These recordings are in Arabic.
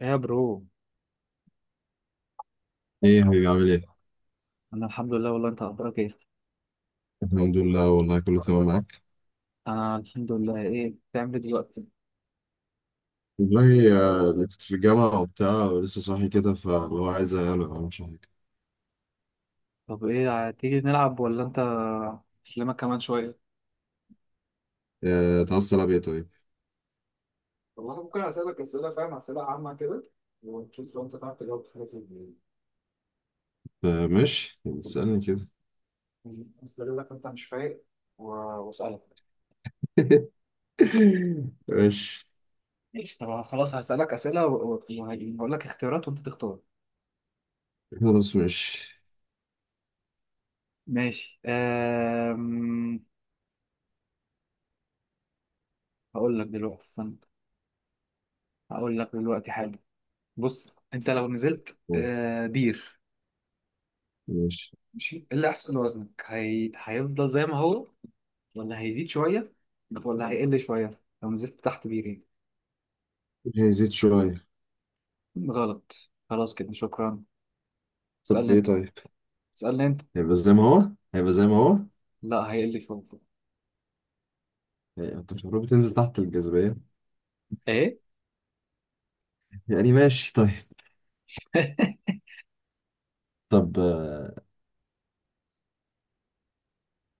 ايه يا برو. ايه يا حبيبي عامل ايه؟ انا الحمد لله، والله انت اخبارك ايه؟ الحمد لله والله كله تمام معاك. انا الحمد لله. ايه بتعمل إيه دلوقتي؟ والله، أنا كنت في الجامعة وبتاع ولسه صاحي كده فاللي هو عايز أنام، انا ما اعملش حاجة. طب ايه، تيجي نلعب ولا انت اكلمك كمان شويه؟ تعال السلام ايه طيب؟ والله ممكن أسألك أسئلة، فاهم، أسئلة عامة كده، ونشوف لو أنت تعرف تجاوب حاجة في ماشي اسألني كده. أستغلك أنت مش فايق وأسألك. ماشي. ماشي، طب خلاص هسألك اسئله وهقول لك اختيارات وانت تختار. خلاص ماشي. ماشي. هقول لك دلوقتي، استنى، هقول لك دلوقتي حاجه. بص انت لو نزلت، طيب، بير، ماشي. ماشي، ايه اللي هيحصل لوزنك؟ هيفضل زي ما هو، ولا هيزيد شوية، ولا هيقل شوية لو نزلت تحت بيرين؟ هي زيت شوية. غلط، خلاص كده، شكرا. طب اسألني ايه انت. طيب؟ اسألني انت. هيبقى زي ما هو؟ هيبقى زي ما هو؟ لا، هيقل شوية. انت مش المفروض بتنزل تحت الجاذبية. ايه. يعني ماشي طيب. طب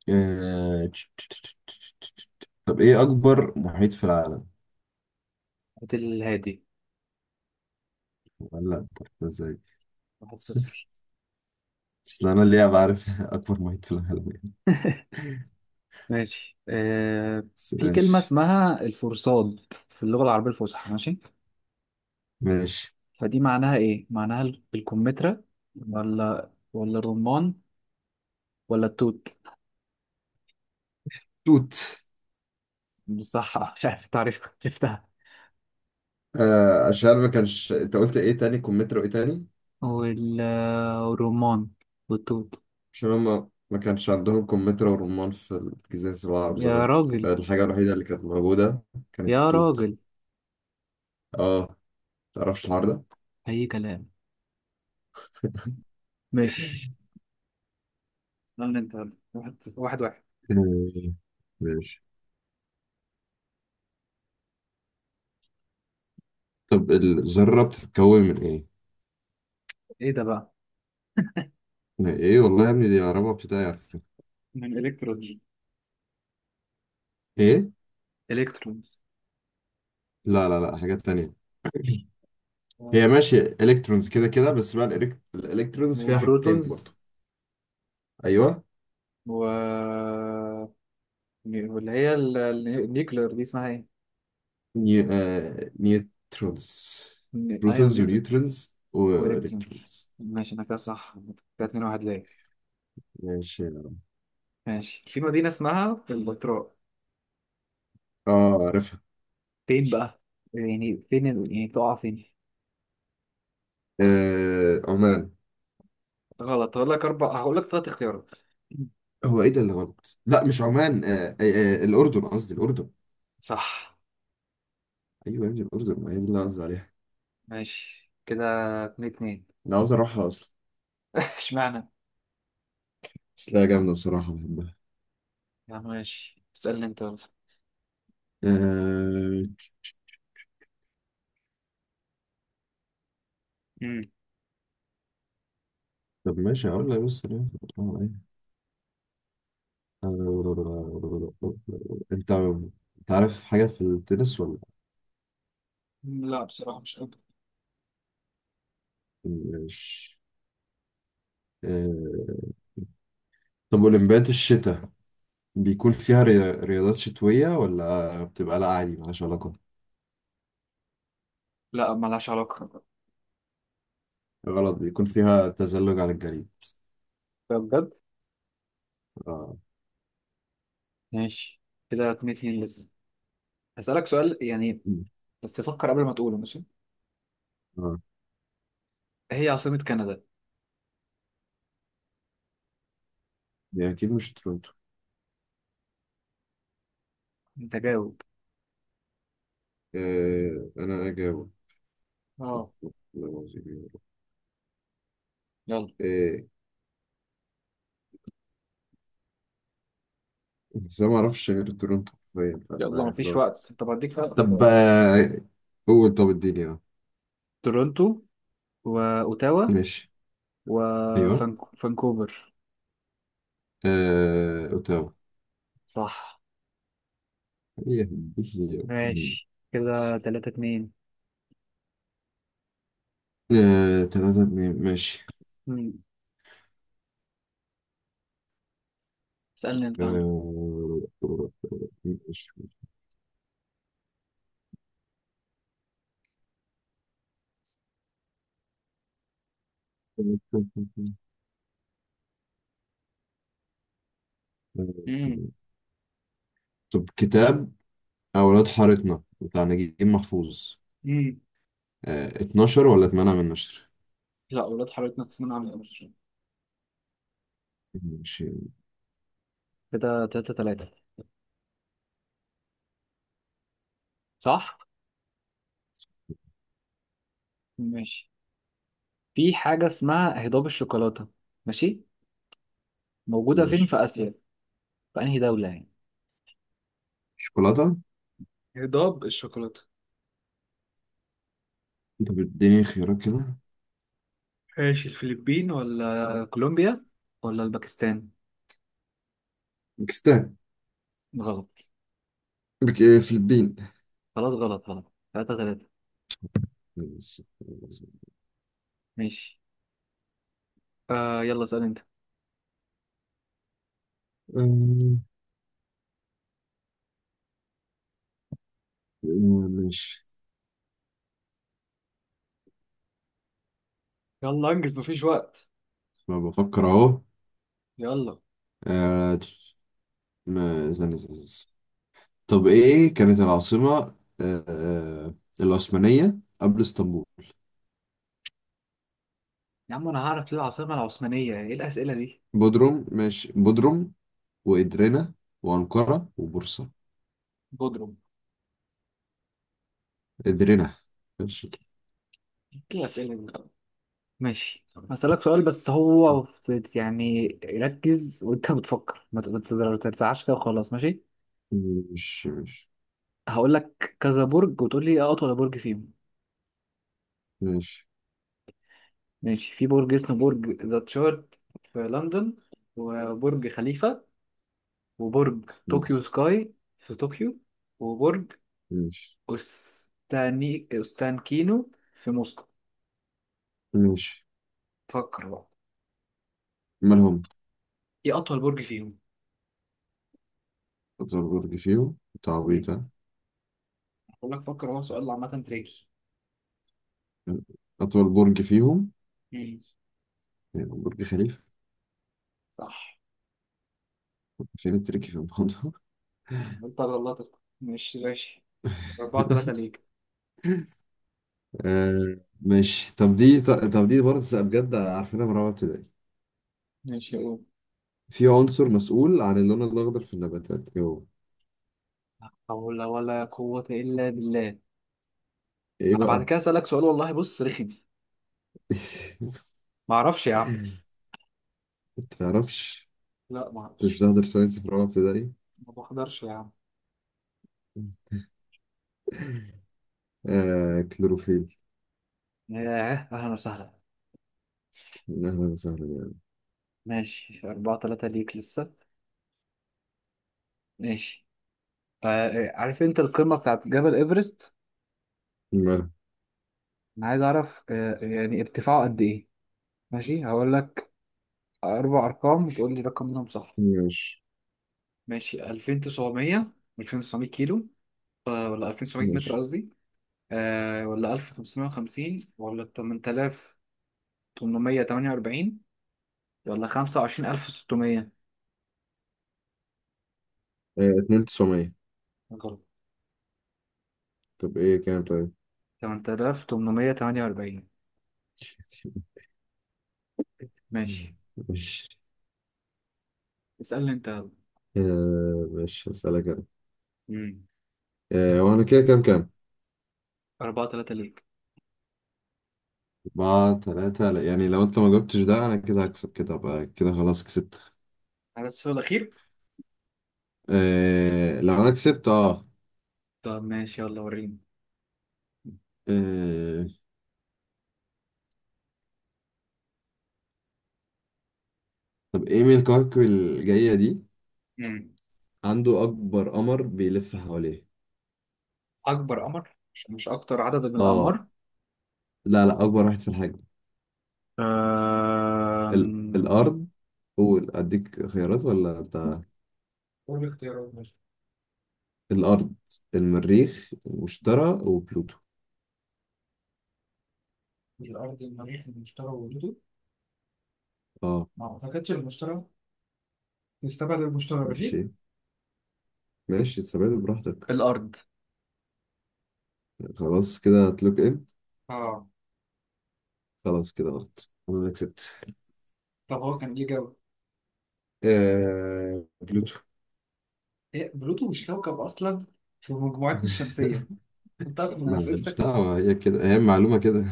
آه، طب ايه أكبر محيط في العالم؟ هات الهادي. لا انت عرفتها ازاي. واحد صفر. بس انا اللي بعرف اكبر محيط في العالم يعني. ماشي. بس في كلمة ماشي اسمها الفرصاد في اللغة العربية الفصحى، ماشي؟ ماشي. فدي معناها ايه؟ معناها الكمثرى، ولا الرمان، ولا التوت؟ توت. بصح، مش عارف تعرف عرفتها. آه عشان ما كانش انت قلت ايه تاني كمثرى وايه تاني. وال- والرمان والتوت. عشان هما ما كانش عندهم كمثرى ورمان في الجزاز العرب يا زمان، راجل، فالحاجة الوحيدة اللي كانت موجودة كانت يا التوت. راجل، اه تعرفش الحوار ده. أي كلام. ماشي، استنى أنت، يلا. واحد، واحد، واحد. آه، ماشي. طب الذرة بتتكون من ايه؟ إيه ده بقى؟ من ايه والله يا ابني، دي رابعة ابتدائي عارفة. من الكترونز. ايه؟ إلكترونز. لا لا لا حاجات تانية. هي آه، ماشي الكترونز كده كده، بس بقى الالكترونز فيها حاجتين وبروتونز. برضو. ايوه. و، واللي هي النيوكلير دي اسمها ايه؟ نيوترونز. ايون، بروتونز نيوتن. ونيوترونز والكترون. والكترونز. ماشي، انا كده صح. كده اتنين واحد ليا. ماشي. ماشي، في مدينة اسمها البتراء. اه عارفها. فين بقى؟ يعني فين يعني تقع فين؟ عمان. غلط. هقول لك أربع، هقول لك ثلاث اختيارات. هو ايه ده اللي غلط، لا مش عمان، الاردن قصدي الاردن. صح. ايوه يا ابني الاردن، ما هي دي اللي أنا قصدي عليها. ماشي، كده اتنين اتنين. انا عاوز اروحها اصلا اشمعنى؟ بس، لا جامده بصراحه بحبها. يا عم ماشي، اسألني أنت يلا. آه... امم طب ماشي هقول لك بص، انت انت عارف حاجة في التنس ولا؟ لا، بصراحة مش قادر. مش آه، طب أولمبياد الشتاء بيكون فيها رياضات شتوية، ولا بتبقى لا عادي ملهاش علاقة؟ لا ملهاش علاقة ده. غلط، بيكون فيها تزلج على الجليد. بجد. اه. ماشي، كده اتنين اتنين لسه. هسألك سؤال، يعني مم. بس فكر قبل ما تقوله، ماشي؟ اه هي عاصمة كندا. دي أكيد مش تورونتو. أنت جاوب. أنا أجاوب. اه. والله العظيم يا رب. يلا. إيه، إزاي ما أعرفش غير تورونتو؟ باين فالله يلا يعني مفيش وقت، خلاص. طب هديك ثلاث طب اختيارات. قول، طب اديني اه. تورونتو، وأوتاوا، ماشي. أيوه. وفانكوفر. أوتاوا. صح. هي هي. ماشي، كده تلاتة اتنين. تلاتة اتنين ماشي. مم. اسألني انت يلا. آه، ماشي. امم طب كتاب أولاد حارتنا بتاع نجيب محفوظ، امم 12 ولا 8 من نشر؟ لا، اولاد حضرتك من عامل ايه. ماشي. كده تلاتة تلاتة، صح؟ ماشي. في حاجة اسمها هضاب الشوكولاتة، ماشي؟ موجودة فين ماشي. في آسيا؟ في أنهي دولة يعني؟ شوكولاتة. هضاب الشوكولاتة. طب اديني خيارات كده. ماشي، الفلبين ولا كولومبيا ولا الباكستان؟ باكستان. غلط. بك آه، فلبين. خلاص غلط، غلط، تلاتة تلاتة. ماشي. ماشي. آه، يلا اسأل انت. آه، ماشي. يلا انجز، مفيش وقت. ما بفكر أهو. يلا. آه، استنى استنى. طب ايه كانت العاصمة آه، آه، العثمانية قبل اسطنبول؟ يا عم أنا هعرف ليه العاصمة العثمانية؟ إيه الأسئلة دي؟ بودروم، ماشي، بودروم وإدرينا وأنقرة وبورصة. بودروم. إدرينا. ماشي. ايه الأسئلة دي؟ ماشي. هسألك سؤال بس، هو يعني ركز وانت بتفكر، ما ت- ما تزر- ما تزعلش كده وخلاص، ماشي؟ ماشي هقول لك كذا برج وتقول لي ايه اطول برج فيهم. ماشي ماشي، في برج اسمه برج ذا تشارت في لندن، وبرج خليفة، وبرج ماشي طوكيو ماشي سكاي في طوكيو، وبرج ماشي أستانكينو في موسكو. ماشي. فكر بقى، مالهم؟ ايه اطول برج فيهم؟ أطول برج فيهم؟ مم. تعويضة. هقول لك، فكر، هو سؤال عامة تريكي. أطول برج فيهم، مم. يعني برج خليفة. صح. فين التركي في الموضوع؟ انت غلطت، مش ماشي. أربعة تلاتة ليك. ماشي. طب دي برضه بجد عارفينها من رابعة ابتدائي. ماشي، قول. في عنصر مسؤول عن اللون الأخضر في النباتات، إيه هو؟ حول ولا قوة إلا بالله. إيه أنا بعد بقى؟ كده أسألك سؤال والله، بص رخم. ما أعرفش يا عم. متعرفش؟ لا، ما أعرفش. مش تحضر ساينس في رابعة ابتدائي؟ ما بحضرش يا عم. آه كلوروفيل. ياه، أهلا وسهلا. أهلا وسهلا يعني. ماشي، أربعة تلاتة ليك لسه. ماشي. آه، عارف أنت القمة بتاعت جبل إيفرست؟ ماله؟ أنا عايز أعرف، آه يعني ارتفاعه قد إيه. ماشي، هقول لك أربع أرقام وتقول لي رقم منهم صح. ماشي ماشي، 2900. 2900 كيلو، آه ولا 2900 متر ماشي. قصدي. آه ولا 1550، ولا 8848، ولا 25600؟ آه اتنين تسعمية. غلط. طب إيه كام طيب؟ 8848. ماشي، اسألني انت يلا. آه مش هسألك أنا. امم آه وأنا كده كام كام؟ 4 3 ليك أربعة تلاتة، لا، يعني لو أنت ما جاوبتش ده أنا كده هكسب، كده أبقى كده خلاص كسبت. على السؤال الأخير. آه لو أنا كسبت أه. طب ماشي، يلا وريني. آه، طب ايه من الكواكب الجاية دي امم عنده أكبر قمر بيلف حواليه؟ أكبر قمر، مش مش أكتر عدد من اه، الأقمار. لا لا أكبر واحد في الحجم. آم، الأرض. قول أديك خيارات ولا بتاع؟ قول لي اختيارات، ماشي. الأرض، المريخ، واشترى، وبلوتو. الأرض، المريخ، المشتري، وجوده. اه ما أعتقدش المشتري، نستبعد المشتري، ماشي؟ ماشي ماشي، استبعد براحتك. الأرض. خلاص كده هتلوك ان. آه. خلاص كده غلط، أنا اللي كسبت. طب هو كان ليه جو؟ بلوتو. إيه، بلوتو مش كوكب أصلا في مجموعتنا الشمسية. أنت تعرف من معلش أسئلتك؟ دعوة، هي كده هي معلومة كده.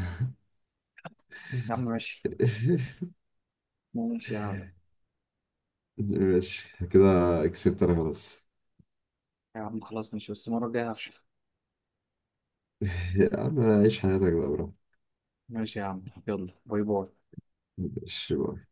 يا عم ماشي. ماشي يا عم. ماشي كده، كسبت أنا خلاص. يا عم خلاص ماشي، بس المرة الجاية هفشخ. يا عم عيش حياتك بقى براحتك. ماشي يا عم، يلا، باي باي. ماشي بقى.